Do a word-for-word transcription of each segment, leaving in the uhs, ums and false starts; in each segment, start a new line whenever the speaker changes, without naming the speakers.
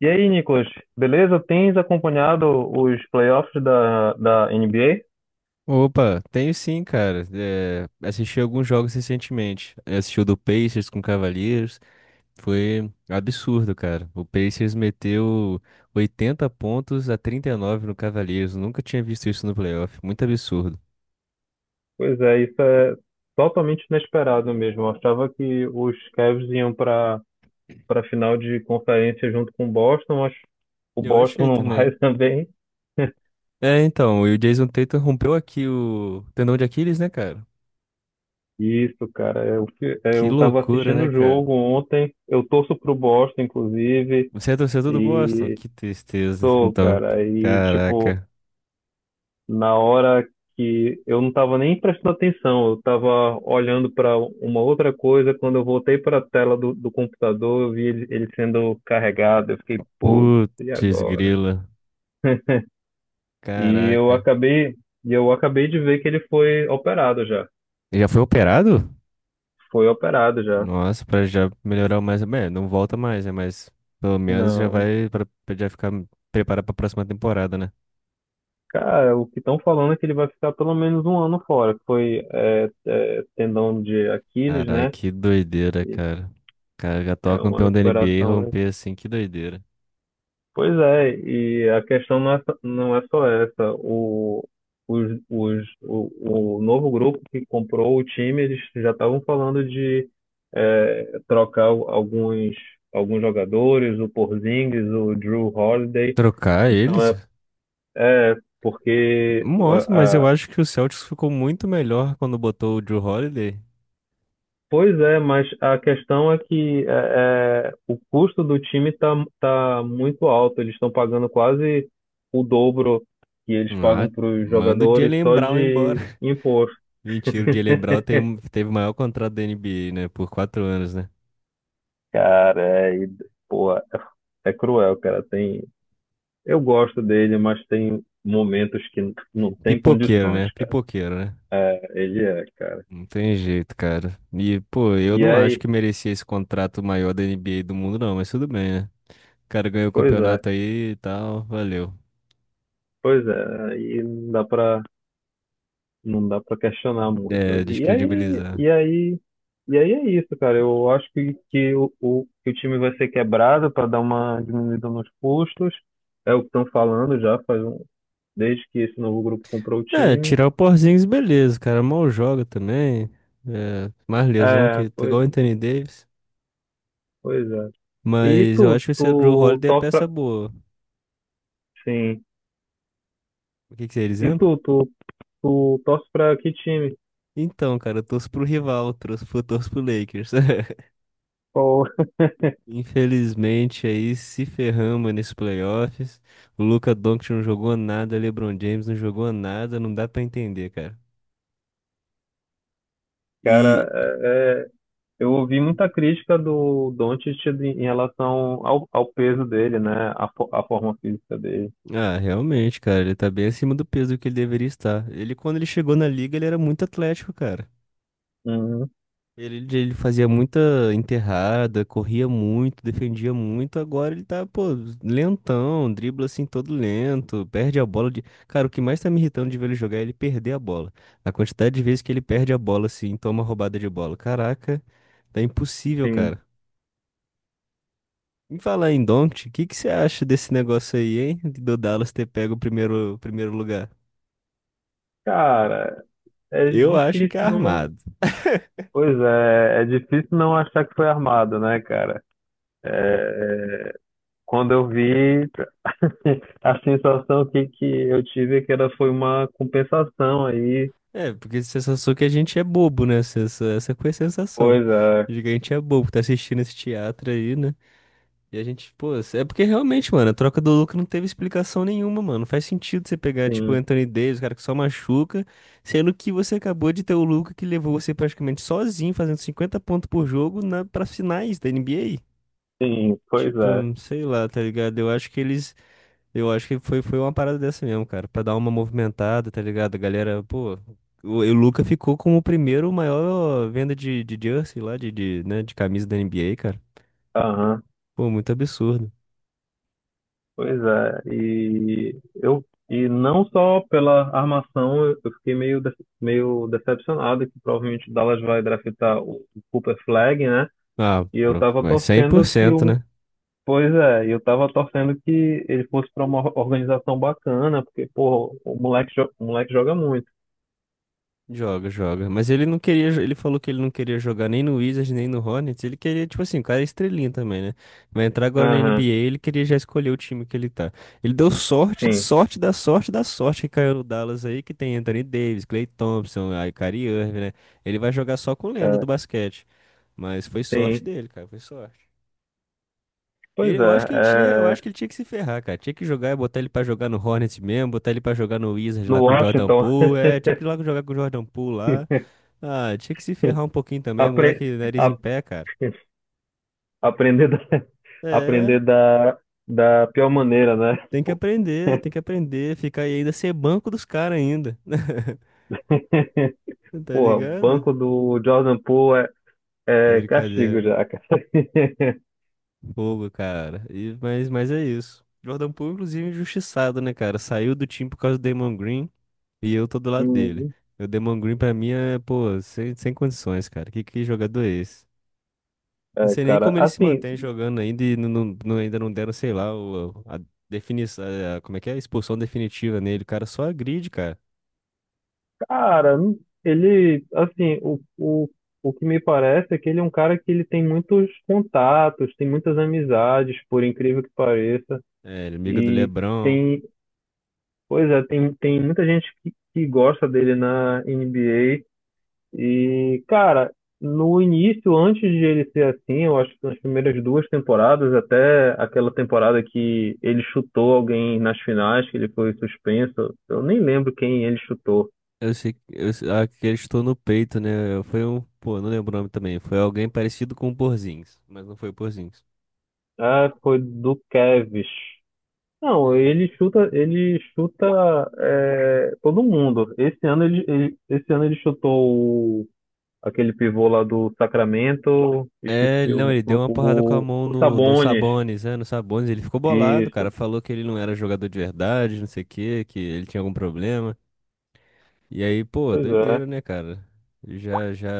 E aí, Nicolas, beleza? Tens acompanhado os playoffs da, da N B A?
Opa, tenho sim, cara. É, assisti alguns jogos recentemente. Eu assisti o do Pacers com Cavaliers. Foi absurdo, cara. O Pacers meteu oitenta pontos a trinta e nove no Cavaliers. Nunca tinha visto isso no playoff. Muito absurdo.
Pois é, isso é totalmente inesperado mesmo. Eu achava que os Cavs iam para para final de conferência junto com o Boston, mas o
Eu
Boston
achei
não vai
também.
também.
É, então, e o Jason Tatum rompeu aqui o tendão de Aquiles, né, cara?
Isso, cara, eu, fi- é,
Que
eu tava
loucura,
assistindo
né,
o
cara?
jogo ontem, eu torço pro Boston, inclusive,
Você é torcedor do Boston?
e
Que tristeza.
sou,
Então,
cara, e tipo.
caraca.
Na hora que eu não estava nem prestando atenção, eu estava olhando para uma outra coisa. Quando eu voltei para a tela do, do computador, eu vi ele ele sendo carregado. Eu fiquei, putz, e
Putz,
agora?
grila.
E eu
Caraca.
acabei, e eu acabei de ver que ele foi operado já.
Ele já foi operado?
Foi operado já.
Nossa, pra já melhorar mais. Bem, não volta mais, né? Mas pelo menos já
Não.
vai pra, pra já ficar preparado pra próxima temporada, né?
Cara, o que estão falando é que ele vai ficar pelo menos um ano fora, que foi é, é, tendão de Aquiles,
Caralho,
né?
que doideira,
E
cara. O cara, já atual
é uma
campeão da N B A e
recuperação, né?
romper assim, que doideira.
Pois é, e a questão não é, só- não é só essa. O, os, os, o, o novo grupo que comprou o time, eles já estavam falando de eh, trocar al- alguns, alguns jogadores, o Porzingis, o Drew Holiday.
Trocar
Então
eles?
é, é porque.
Nossa, mas eu acho que o Celtics ficou muito melhor quando botou o Jrue Holiday.
Pois é, mas a questão é que é, é, o custo do time está tá muito alto. Eles estão pagando quase o dobro que eles
Ah,
pagam para os
manda o
jogadores
Jaylen
só
Brown embora.
de imposto.
Mentira, o Jaylen Brown tem, um- teve o maior contrato da N B A, né? Por quatro anos, né?
Cara, é, e, porra, é é cruel, cara. Tem, eu gosto dele, mas tem momentos que n- não tem
Pipoqueiro,
condições,
né?
cara.
Pipoqueiro, né?
Ele é, cara.
Não tem jeito, cara. E, pô, eu
E
não acho
aí,
que merecia esse contrato maior da N B A do mundo, não, mas tudo bem, né? O cara ganhou o
pois é,
campeonato aí e tal, valeu.
pois é, aí não dá para não dá pra questionar muito.
É,
E aí,
descredibilizar.
e aí, e aí é isso, cara. Eu acho que, que, o, o, que o time vai ser quebrado para dar uma diminuída nos custos. É o que estão falando já faz um, desde que esse novo grupo comprou o
É,
time.
tirar o Porzingis, beleza, cara. Mal joga também. É, mais lesão
É,
que
pois,
igual o Anthony Davis.
pois é. E
Mas eu
tu,
acho que esse Drew
tu
Holiday é
torce pra,
peça boa.
sim.
O que que você ia
E
dizendo?
tu, tu, tu torce pra que time?
Então, cara, eu torço pro rival, torço pro, torço pro Lakers.
Pô,
Infelizmente, aí se ferramos nesses playoffs. O Luka Doncic não jogou nada, LeBron James não jogou nada, não dá pra entender, cara. E,
cara, é, é, eu ouvi muita crítica do Doncic de- em relação ao, ao peso dele, né? A, fo- a forma física dele.
ah, realmente, cara, ele tá bem acima do peso que ele deveria estar. Ele, quando ele chegou na liga, ele era muito atlético, cara.
Uhum,
Ele, ele fazia muita enterrada, corria muito, defendia muito. Agora ele tá, pô, lentão, dribla assim todo lento, perde a bola de. Cara, o que mais tá me irritando de ver ele jogar é ele perder a bola. A quantidade de vezes que ele perde a bola assim, toma roubada de bola. Caraca, tá impossível,
sim.
cara. Me falar em Doncic, o que que você acha desse negócio aí, hein? Do Dallas ter pego o primeiro, o primeiro lugar?
Cara, é
Eu acho
difícil
que é
não.
armado.
Pois é, é difícil não achar que foi armado, né, cara? É, quando eu vi, a sensação que, que eu tive é que era, foi uma compensação aí.
É, porque a sensação que a gente é bobo, né? Essa, essa foi a sensação.
Pois é,
De que a gente é bobo, tá assistindo esse teatro aí, né? E a gente, pô, é porque realmente, mano, a troca do Luka não teve explicação nenhuma, mano. Não faz sentido você pegar, tipo, o
sim,
Anthony Davis, o cara que só machuca, sendo que você acabou de ter o Luka que levou você praticamente sozinho, fazendo cinquenta pontos por jogo na, pra finais da N B A.
sim, pois
Tipo,
é.
sei lá, tá ligado? Eu acho que eles. Eu acho que foi, foi uma parada dessa mesmo, cara. Pra dar uma movimentada, tá ligado? A galera, pô. O, e o Luca ficou como o primeiro maior venda de, de jersey lá, de, de, né, de camisa da N B A, cara.
Aham.
Pô, muito absurdo.
Pois é, e eu e não só pela armação, eu eu fiquei meio de- meio decepcionado que provavelmente o Dallas vai draftar o Cooper Flag, né?
Ah,
E eu
pro-
tava
mas cem por
torcendo que
cento
o
né?
Pois é, e eu tava torcendo que ele fosse para uma organização bacana, porque, pô, o moleque, jo- o moleque joga muito.
Joga, joga. Mas ele não queria, jo- ele falou que ele não queria jogar nem no Wizards, nem no Hornets. Ele queria, tipo assim, o cara é estrelinha também, né? Vai entrar agora na
Aham,
N B A, ele queria já escolher o time que ele tá. Ele deu sorte,
sim,
sorte da sorte da sorte que caiu no Dallas aí, que tem Anthony Davis, Klay Thompson, aí Kyrie Irving, né? Ele vai jogar só com lenda do
é,
basquete. Mas foi sorte
sim.
dele, cara, foi sorte.
Pois
Ele, eu
é,
acho que ele tinha, eu acho
é,
que ele tinha que se ferrar, cara. Tinha que jogar, botar ele pra jogar no Hornets mesmo, botar ele pra jogar no Wizards lá
no
com o Jordan
Washington.
Poole, é, tinha que ir lá jogar com o Jordan Poole lá. Ah, tinha que se ferrar um pouquinho também,
apre,
moleque, nariz em
a-
pé, cara.
Aprender da,
É,
aprender da, da pior maneira, né?
tem que
Pô,
aprender, tem que aprender, ficar aí ainda ser banco dos caras ainda. Tá
porra, o
ligado?
banco do Jordan Poole
É
é, é castigo
brincadeira.
já, cara.
Fogo, cara. E, mas, mas é isso. Jordan Poole, inclusive, injustiçado, né, cara? Saiu do time por causa do Damon Green e eu tô do lado dele.
Uhum.
O Damon Green, pra mim, é, pô, sem, sem condições, cara. Que, que jogador é esse? Não
É,
sei nem
cara,
como ele se
assim,
mantém jogando ainda e não, não- não- ainda não deram, sei lá, o- a definição, como é que é? A expulsão definitiva nele. O cara só agride, cara.
cara, não- ele, assim, o, o, o que me parece é que ele é um cara que ele tem muitos contatos, tem muitas amizades, por incrível que pareça,
É, ele é do
e
LeBron.
tem, pois é, tem, tem muita gente que, que gosta dele na N B A. E, cara, no início, antes de ele ser assim, eu acho que nas primeiras duas temporadas, até aquela temporada que ele chutou alguém nas finais, que ele foi suspenso, eu nem lembro quem ele chutou.
Eu sei, que- eu, sei- ah, que ele estou no peito, né? Foi um, pô, não lembro o nome também. Foi alguém parecido com o Porzingis, mas não foi o Porzingis.
Ah, foi do Kevs. Não,
É,
ele chuta, ele chuta é, todo mundo. Esse ano ele, ele- esse ano ele chutou o- aquele pivô lá do Sacramento,
é,
esqueci
não,
o,
ele deu uma porrada com a
o,
mão
o
no, no
Sabonis.
Sabonis, né? No Sabonis, ele ficou bolado, cara.
Isso.
Falou que ele não era jogador de verdade, não sei o quê, que ele tinha algum problema. E aí, pô,
Pois é.
doideira, né, cara? Já, já,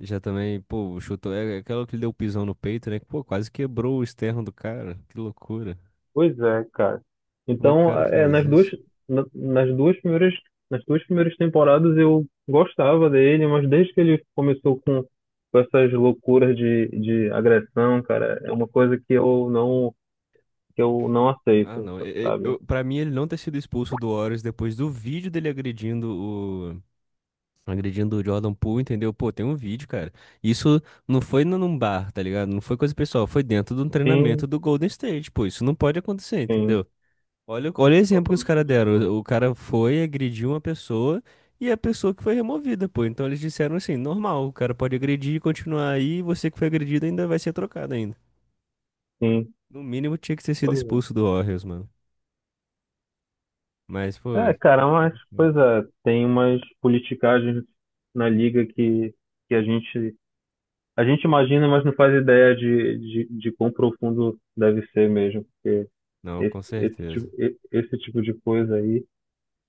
já também, pô, chutou. É aquela que deu o pisão no peito, né? que, Pô, quase quebrou o externo do cara. Que loucura.
Pois é, cara.
Como é que o
Então,
cara
é,
faz
nas duas,
isso?
na- nas duas primeiras, nas duas primeiras temporadas eu gostava dele, mas desde que ele começou com, com essas loucuras de, de agressão, cara, é uma coisa que eu não, que eu não
Ah,
aceito,
não. e- e- Eu,
sabe?
pra mim, ele não ter sido expulso do Warriors depois do vídeo dele agredindo o. Agredindo o Jordan Poole, entendeu? Pô, tem um vídeo, cara. Isso não foi num num bar, tá ligado? Não foi coisa pessoal, foi dentro de um treinamento
Sim,
do Golden State. Pô, isso não pode acontecer,
sim.
entendeu? Olha, o- olha o exemplo que os
Totalmente
caras deram.
absurdo.
O o cara foi, agrediu uma pessoa e a pessoa que foi removida, pô. Então eles disseram assim, normal, o cara pode agredir e continuar aí, e você que foi agredido ainda vai ser trocado ainda.
Sim,
No mínimo tinha que ter sido
pois é.
expulso do Warriors, mano. Mas, pô,
É, cara,
foi
mas, pois
fogo.
é, tem umas politicagens na liga. Que, que a gente A gente imagina, mas não faz ideia de, de, de quão profundo deve ser mesmo, porque
Não,
esse,
com
esse,
certeza.
tipo, e- esse tipo de coisa aí,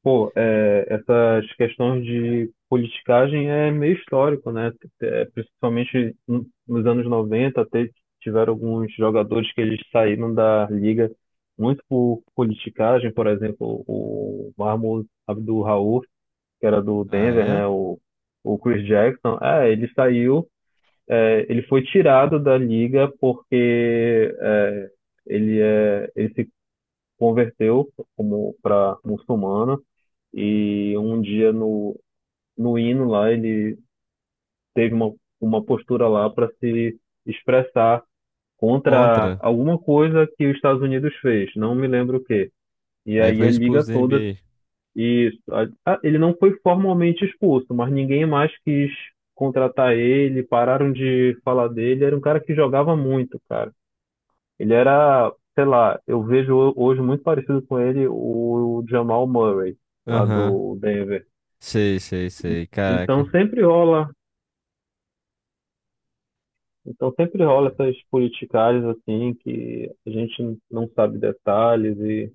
pô, é, essas questões de politicagem é meio histórico, né? É, principalmente no- nos anos noventa, até tiveram alguns jogadores que eles saíram da liga muito por politicagem, por exemplo, o Mahmoud Abdul-Rauf, que era do
Ah,
Denver,
é?
né? O, o Chris Jackson. É, ele saiu, é, ele foi tirado da liga porque é, ele, é, ele se converteu como para muçulmano e um dia no, no hino lá ele teve uma, uma postura lá para se expressar contra
Contra.
alguma coisa que os Estados Unidos fez, não me lembro o quê. E
Aí
aí
foi
a liga
expulso da
toda
N B A.
e ah, ele não foi formalmente expulso, mas ninguém mais quis contratar ele, pararam de falar dele, era um cara que jogava muito, cara. Ele era, sei lá, eu vejo ho- hoje muito parecido com ele o Jamal Murray, lá
Aham.
do Denver.
Sei, sei,
E-
sei.
Então
Caraca.
sempre rola, então sempre rola essas politicagens assim que a gente não sabe detalhes. E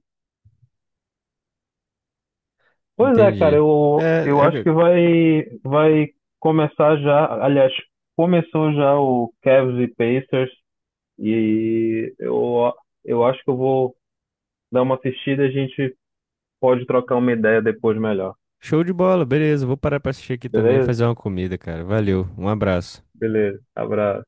pois é, cara,
Entendi. É,
eu, eu acho
é,
que vai vai começar já, aliás, começou já o Cavs e Pacers, e eu eu acho que eu vou dar uma assistida, e a gente pode trocar uma ideia depois melhor.
show de bola, beleza. Vou parar pra assistir aqui também e
Beleza?
fazer uma comida, cara. Valeu, um abraço.
Beleza, abraço.